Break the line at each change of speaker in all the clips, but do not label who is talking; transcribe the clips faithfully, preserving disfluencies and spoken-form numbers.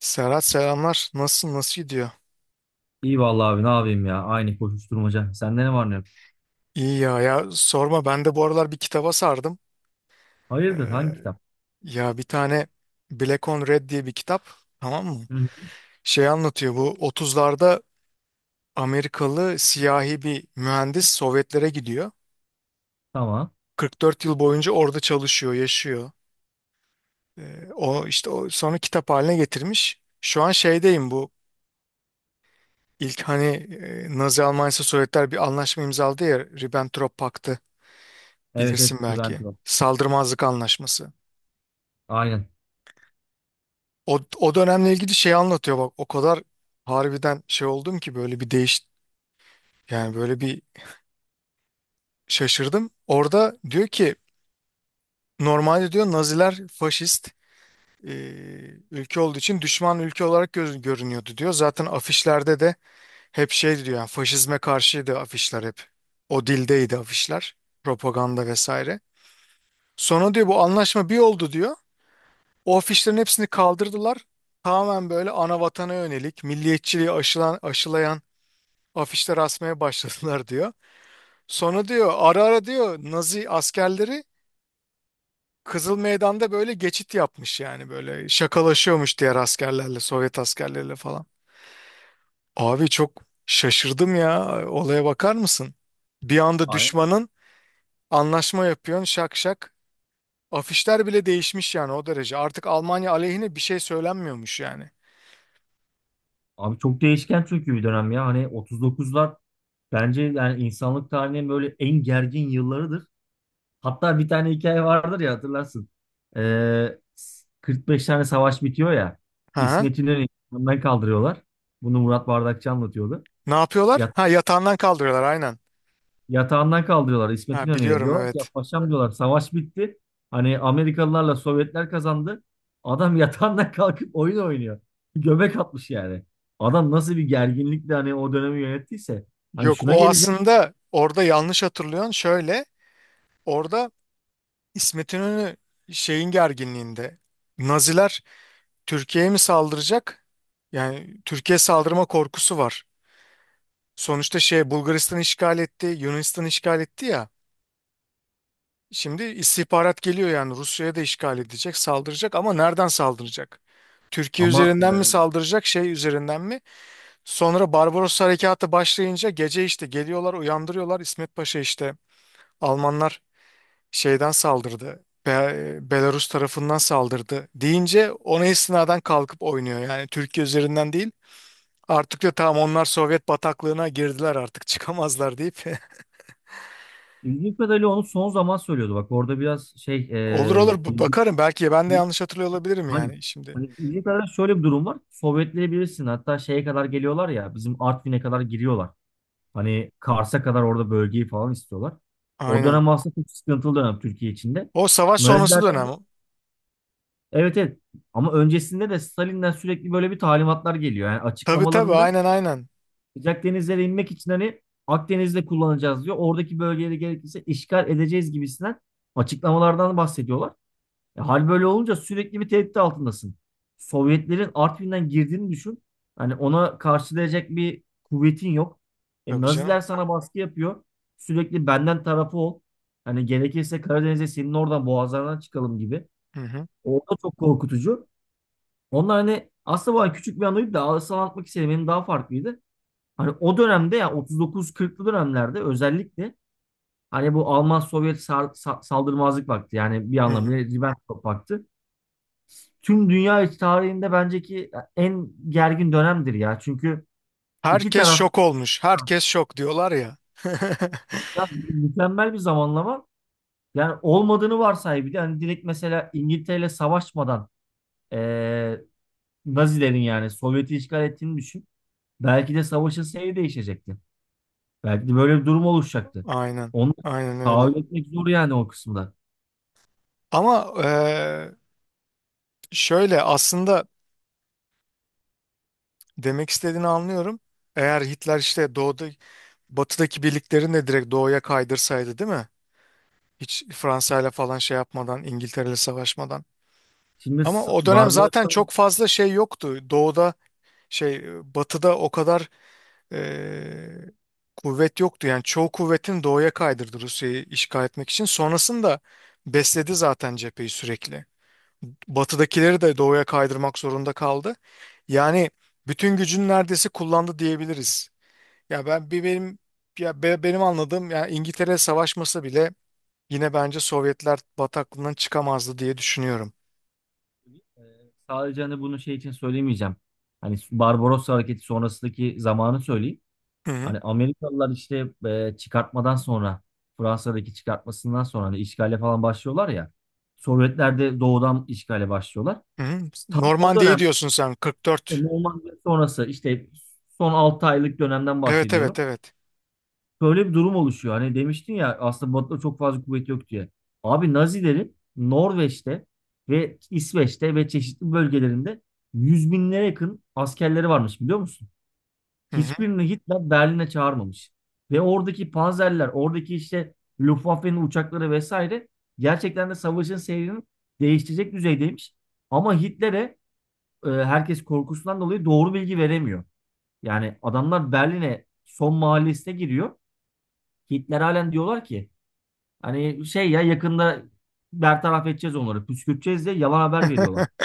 Serhat selamlar. Nasılsın? Nasıl gidiyor?
İyi vallahi abi ne yapayım ya. Aynı koşuşturmaca. Sende ne var ne yok?
İyi ya ya sorma, ben de bu aralar bir kitaba sardım.
Hayırdır hangi
Ee,
kitap?
ya bir tane Black on Red diye bir kitap, tamam mı?
Hı. hı.
Şey anlatıyor, bu otuzlarda Amerikalı siyahi bir mühendis Sovyetlere gidiyor.
Tamam.
Kırk dört yıl boyunca orada çalışıyor, yaşıyor. Ee, o işte o sonra kitap haline getirmiş. Şu an şeydeyim, bu ilk hani e, Nazi Almanya'sı Sovyetler bir anlaşma imzaladı ya, Ribbentrop Paktı.
Evet,
Bilirsin
evet, Levent
belki.
var.
Saldırmazlık anlaşması.
Aynen.
O, o dönemle ilgili şey anlatıyor, bak o kadar harbiden şey oldum ki, böyle bir değiş yani böyle bir şaşırdım. Orada diyor ki normalde diyor Naziler faşist e, ülke olduğu için düşman ülke olarak göz, görünüyordu diyor. Zaten afişlerde de hep şey diyor, yani faşizme karşıydı afişler hep. O dildeydi afişler. Propaganda vesaire. Sonra diyor bu anlaşma bir oldu diyor. O afişlerin hepsini kaldırdılar. Tamamen böyle ana vatana yönelik, milliyetçiliği aşılan, aşılayan afişler asmaya başladılar diyor. Sonra diyor ara ara diyor Nazi askerleri Kızıl Meydan'da böyle geçit yapmış, yani böyle şakalaşıyormuş diğer askerlerle, Sovyet askerleriyle falan. Abi çok şaşırdım ya, olaya bakar mısın? Bir anda
Aynen.
düşmanın anlaşma yapıyorsun, şak şak. Afişler bile değişmiş yani, o derece. Artık Almanya aleyhine bir şey söylenmiyormuş yani.
Abi çok değişken çünkü bir dönem ya. Hani otuz dokuzlar bence yani insanlık tarihinin böyle en gergin yıllarıdır. Hatta bir tane hikaye vardır ya hatırlarsın. Ee, kırk beş tane savaş bitiyor ya.
Hı hı.
İsmet İnönü'yü yanından kaldırıyorlar. Bunu Murat Bardakçı anlatıyordu.
Ne yapıyorlar?
Ya,
Ha, yatağından kaldırıyorlar, aynen.
Yatağından kaldırıyorlar. İsmet
Ha,
İnönü'ye
biliyorum,
diyorlar ki ya
evet.
paşam, diyorlar, savaş bitti. Hani Amerikalılarla Sovyetler kazandı. Adam yatağından kalkıp oyun oynuyor. Göbek atmış yani. Adam nasıl bir gerginlikle hani o dönemi yönettiyse. Hani
Yok,
şuna
o
geleceğim
aslında orada yanlış hatırlıyorsun. Şöyle, orada İsmet İnönü şeyin gerginliğinde. Naziler Türkiye'ye mi saldıracak? Yani Türkiye saldırma korkusu var. Sonuçta şey, Bulgaristan işgal etti, Yunanistan işgal etti ya. Şimdi istihbarat geliyor yani Rusya'ya da işgal edecek, saldıracak, ama nereden saldıracak? Türkiye
ama
üzerinden mi saldıracak, şey üzerinden mi? Sonra Barbaros harekatı başlayınca gece işte geliyorlar, uyandırıyorlar. İsmet Paşa işte Almanlar şeyden saldırdı. Be- Belarus tarafından saldırdı deyince ona istinaden kalkıp oynuyor. Yani Türkiye üzerinden değil. Artık da tamam, onlar Sovyet bataklığına girdiler, artık çıkamazlar deyip.
e, ilginç kadarıyla onu son zaman söylüyordu. Bak orada biraz şey,
Olur
e,
olur, b-
bilgi,
bakarım, belki ben de yanlış hatırlıyor olabilirim
hani,
yani şimdi.
hani ilginç kadarıyla şöyle bir durum var. Sovyetleyebilirsin. Hatta şeye kadar geliyorlar ya, bizim Artvin'e kadar giriyorlar. Hani Kars'a kadar orada bölgeyi falan istiyorlar. O
Aynen.
dönem aslında çok sıkıntılı dönem Türkiye içinde.
O savaş sonrası
Nazilerden,
dönem.
evet, evet, ama öncesinde de Stalin'den sürekli böyle bir talimatlar geliyor. Yani
Tabii tabii,
açıklamalarında
aynen aynen.
sıcak denizlere inmek için hani Akdeniz'de kullanacağız diyor. Oradaki bölgeleri gerekirse işgal edeceğiz gibisinden açıklamalardan bahsediyorlar. E, hal böyle olunca sürekli bir tehdit altındasın. Sovyetlerin Artvin'den girdiğini düşün. Hani ona karşılayacak bir kuvvetin yok. E,
Tabii canım.
Naziler sana baskı yapıyor. Sürekli benden tarafı ol. Hani gerekirse Karadeniz'e senin oradan boğazlarından çıkalım gibi.
Hı hı.
O da çok korkutucu. Onlar hani aslında bu hani küçük bir anıydı da asıl anlatmak istediğim benim daha farklıydı. Hani o dönemde ya otuz dokuz kırklı dönemlerde özellikle hani bu Alman-Sovyet sar- sa- saldırmazlık paktı, yani bir
Hı hı.
anlamıyla Ribbentrop paktı, tüm dünya tarihinde bence ki en gergin dönemdir ya. Çünkü iki
Herkes
taraf,
şok olmuş. Herkes şok diyorlar ya.
ya mükemmel bir zamanlama. Yani olmadığını varsay bir de, hani direkt mesela İngiltere savaşmadan eee Nazilerin yani Sovyet'i işgal ettiğini düşün. Belki de savaşın seyri değişecekti. Belki de böyle bir durum oluşacaktı.
Aynen.
Onu
Aynen
tahayyül
öyle.
etmek zor yani o kısımda.
Ama eee, şöyle aslında demek istediğini anlıyorum. Eğer Hitler işte doğuda, batıdaki birliklerini de direkt doğuya kaydırsaydı, değil mi? Hiç Fransa ile falan şey yapmadan, İngiltere ile savaşmadan.
Şimdi
Ama
S-
o dönem zaten
Barbaros'tan,
çok fazla şey yoktu. Doğuda şey, batıda o kadar e, kuvvet yoktu. Yani çoğu kuvvetini doğuya kaydırdı Rusya'yı işgal etmek için. Sonrasında besledi zaten cepheyi sürekli. Batıdakileri de doğuya kaydırmak zorunda kaldı. Yani bütün gücünü neredeyse kullandı diyebiliriz. Ya ben bir benim ya be- benim anladığım, yani İngiltere savaşması bile yine bence Sovyetler bataklığından çıkamazdı diye düşünüyorum.
eee, sadece hani bunu şey için söylemeyeceğim. Hani Barbaros hareketi sonrasındaki zamanı söyleyeyim.
Hı hı.
Hani Amerikalılar işte e, çıkartmadan sonra, Fransa'daki çıkartmasından sonra hani işgale falan başlıyorlar ya. Sovyetler de doğudan işgale başlıyorlar.
Hı hı.
Tam o
Normandiya'yı
dönem
diyorsun sen,
işte,
kırk dört.
Normandiya sonrası işte, son altı aylık dönemden
Evet evet
bahsediyorum.
evet.
Böyle bir durum oluşuyor. Hani demiştin ya aslında Batı'da çok fazla kuvvet yok diye. Abi Nazilerin Norveç'te ve İsveç'te ve çeşitli bölgelerinde yüz binlere yakın askerleri varmış, biliyor musun?
Hı hı.
Hiçbirini Hitler Berlin'e çağırmamış. Ve oradaki panzerler, oradaki işte Luftwaffe'nin uçakları vesaire gerçekten de savaşın seyrini değiştirecek düzeydeymiş. Ama Hitler'e e, herkes korkusundan dolayı doğru bilgi veremiyor. Yani adamlar Berlin'e son mahallesine giriyor. Hitler halen, diyorlar ki hani şey ya yakında bertaraf edeceğiz onları, püskürteceğiz diye yalan haber veriyorlar.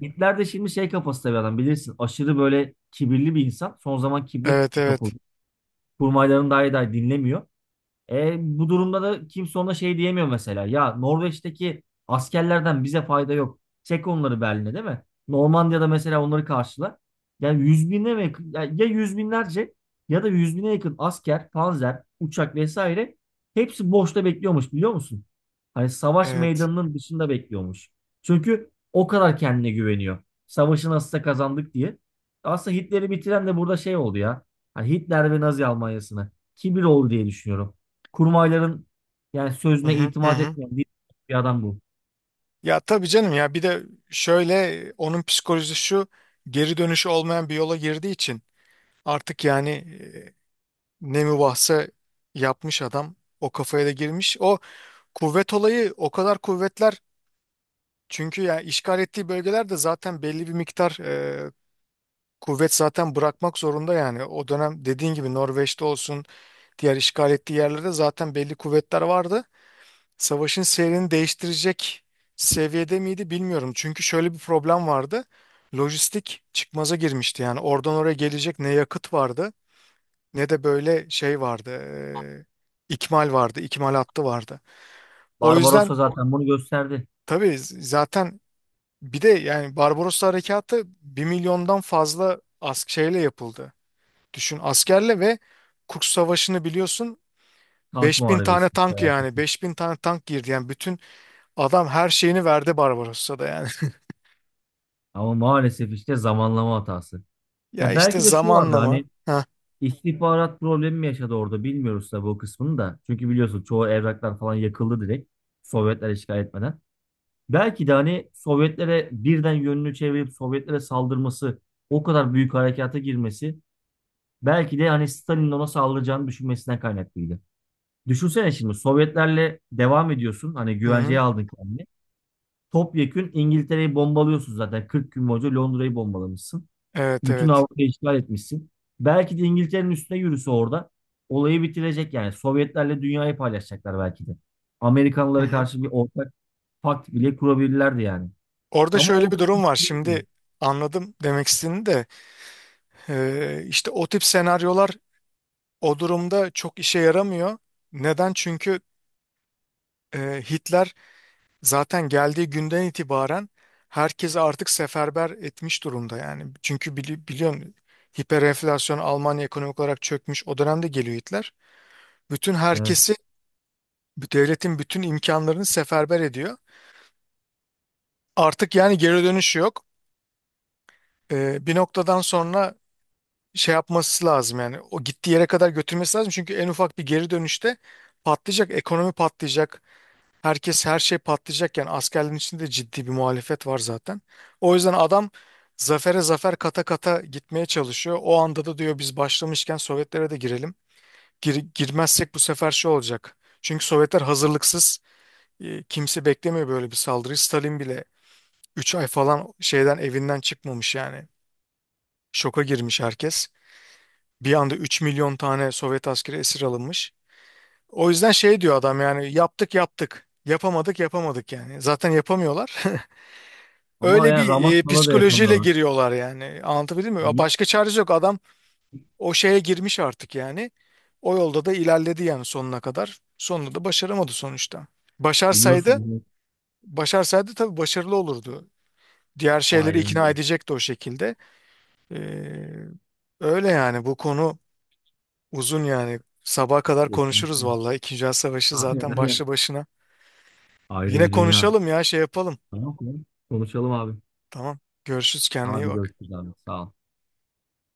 Hitler de şimdi şey kafasında bir adam bilirsin. Aşırı böyle kibirli bir insan. Son zaman kibre
Evet evet.
kapıldı. Kurmaylarını dahi dahi dinlemiyor. E, bu durumda da kimse ona şey diyemiyor mesela. Ya Norveç'teki askerlerden bize fayda yok. Çek onları Berlin'e değil mi? Normandiya'da mesela onları karşılar. Yani yüz bine mi yakın? Ya, ya yüz binlerce ya da yüz bine yakın asker, panzer, uçak vesaire hepsi boşta bekliyormuş, biliyor musun? Hani savaş
Evet.
meydanının dışında bekliyormuş. Çünkü o kadar kendine güveniyor. Savaşı nasılsa kazandık diye. Aslında Hitler'i bitiren de burada şey oldu ya. Hani Hitler ve Nazi Almanyası'na kibir oldu diye düşünüyorum. Kurmayların yani
Hı
sözüne
hı, hı
itimat
hı.
etmeyen bir, bir adam bu.
Ya tabii canım, ya bir de şöyle, onun psikolojisi şu, geri dönüşü olmayan bir yola girdiği için artık yani e, ne mübahse yapmış adam, o kafaya da girmiş. O kuvvet olayı, o kadar kuvvetler çünkü, ya işgal ettiği bölgelerde zaten belli bir miktar e, kuvvet zaten bırakmak zorunda. Yani o dönem dediğin gibi Norveç'te olsun, diğer işgal ettiği yerlerde zaten belli kuvvetler vardı. Savaşın seyrini değiştirecek seviyede miydi bilmiyorum. Çünkü şöyle bir problem vardı. Lojistik çıkmaza girmişti. Yani oradan oraya gelecek ne yakıt vardı ne de böyle şey vardı. eee, ikmal vardı, ikmal hattı vardı. O yüzden
Barbarossa zaten bunu gösterdi.
tabii z- zaten bir de yani Barbaros Harekatı bir milyondan fazla ask şeyle yapıldı. Düşün, askerle. Ve Kurs Savaşı'nı biliyorsun,
Tank
beş bin tane
muharebesi
tank yani
felaketi.
beş bin tane tank girdi. Yani bütün Adam her şeyini verdi Barbarossa'da yani.
Ama maalesef işte zamanlama hatası.
Ya
Ya
işte
belki de şu vardı
zamanla mı?
hani,
Ha.
istihbarat problemi mi yaşadı orada bilmiyoruz tabii o kısmını da. Çünkü biliyorsun çoğu evraklar falan yakıldı direkt, Sovyetler işgal etmeden. Belki de hani Sovyetlere birden yönünü çevirip Sovyetlere saldırması, o kadar büyük harekata girmesi belki de hani Stalin'in ona saldıracağını düşünmesinden kaynaklıydı. Düşünsene şimdi Sovyetlerle devam ediyorsun. Hani
Hı hı.
güvenceye aldın kendini. Topyekün İngiltere'yi bombalıyorsun zaten. kırk gün boyunca Londra'yı bombalamışsın.
Evet
Bütün
evet.
Avrupa'yı işgal etmişsin. Belki de İngiltere'nin üstüne yürüse orada olayı bitirecek yani. Sovyetlerle dünyayı paylaşacaklar belki de.
Hı
Amerikanlara
hı.
karşı bir ortak pakt bile kurabilirlerdi yani.
Orada
Ama
şöyle
o
bir
kısmı
durum var.
değil.
Şimdi anladım demek istediğini de, e, işte o tip senaryolar o durumda çok işe yaramıyor. Neden? Çünkü e, Hitler zaten geldiği günden itibaren herkesi artık seferber etmiş durumda yani. Çünkü bili biliyorsun, hiperenflasyon, Almanya ekonomik olarak çökmüş. O dönemde geliyor Hitler. Bütün
Evet.
herkesi, bu devletin bütün imkanlarını seferber ediyor. Artık yani geri dönüşü yok. Ee, bir noktadan sonra şey yapması lazım, yani o gittiği yere kadar götürmesi lazım. Çünkü en ufak bir geri dönüşte patlayacak, ekonomi patlayacak, herkes her şey patlayacak. Yani askerlerin içinde de ciddi bir muhalefet var zaten. O yüzden adam zafere zafer kata kata gitmeye çalışıyor. O anda da diyor biz başlamışken Sovyetlere de girelim. Gir- girmezsek bu sefer şey olacak. Çünkü Sovyetler hazırlıksız. E, Kimse beklemiyor böyle bir saldırıyı. Stalin bile üç ay falan şeyden evinden çıkmamış yani. Şoka girmiş herkes. Bir anda üç milyon tane Sovyet askeri esir alınmış. O yüzden şey diyor adam, yani yaptık yaptık, yapamadık yapamadık yani. Zaten yapamıyorlar.
Ama
Öyle
yani
bir e,
Ramakkala da
psikolojiyle
yapamıyorlar.
giriyorlar yani. Anlatabildim mi?
Bili-
Başka çaresi yok. Adam o şeye girmiş artık yani. O yolda da ilerledi yani sonuna kadar. Sonunda da başaramadı sonuçta. Başarsaydı,
Biliyorsun bunu.
başarsaydı tabii başarılı olurdu. Diğer şeyleri
Aynen
ikna
öyle.
edecekti o şekilde. Ee, öyle yani bu konu uzun yani. Sabaha kadar konuşuruz
Kesinlikle.
vallahi. İkinci Dünya Savaşı
Aynen
zaten
öyle.
başlı başına.
Ayrı
Yine
bir dünya.
konuşalım ya, şey yapalım.
Tamam, tamam. Konuşalım abi.
Tamam. Görüşürüz, kendine iyi
Hadi
bak.
görüşürüz abi. Sağ ol.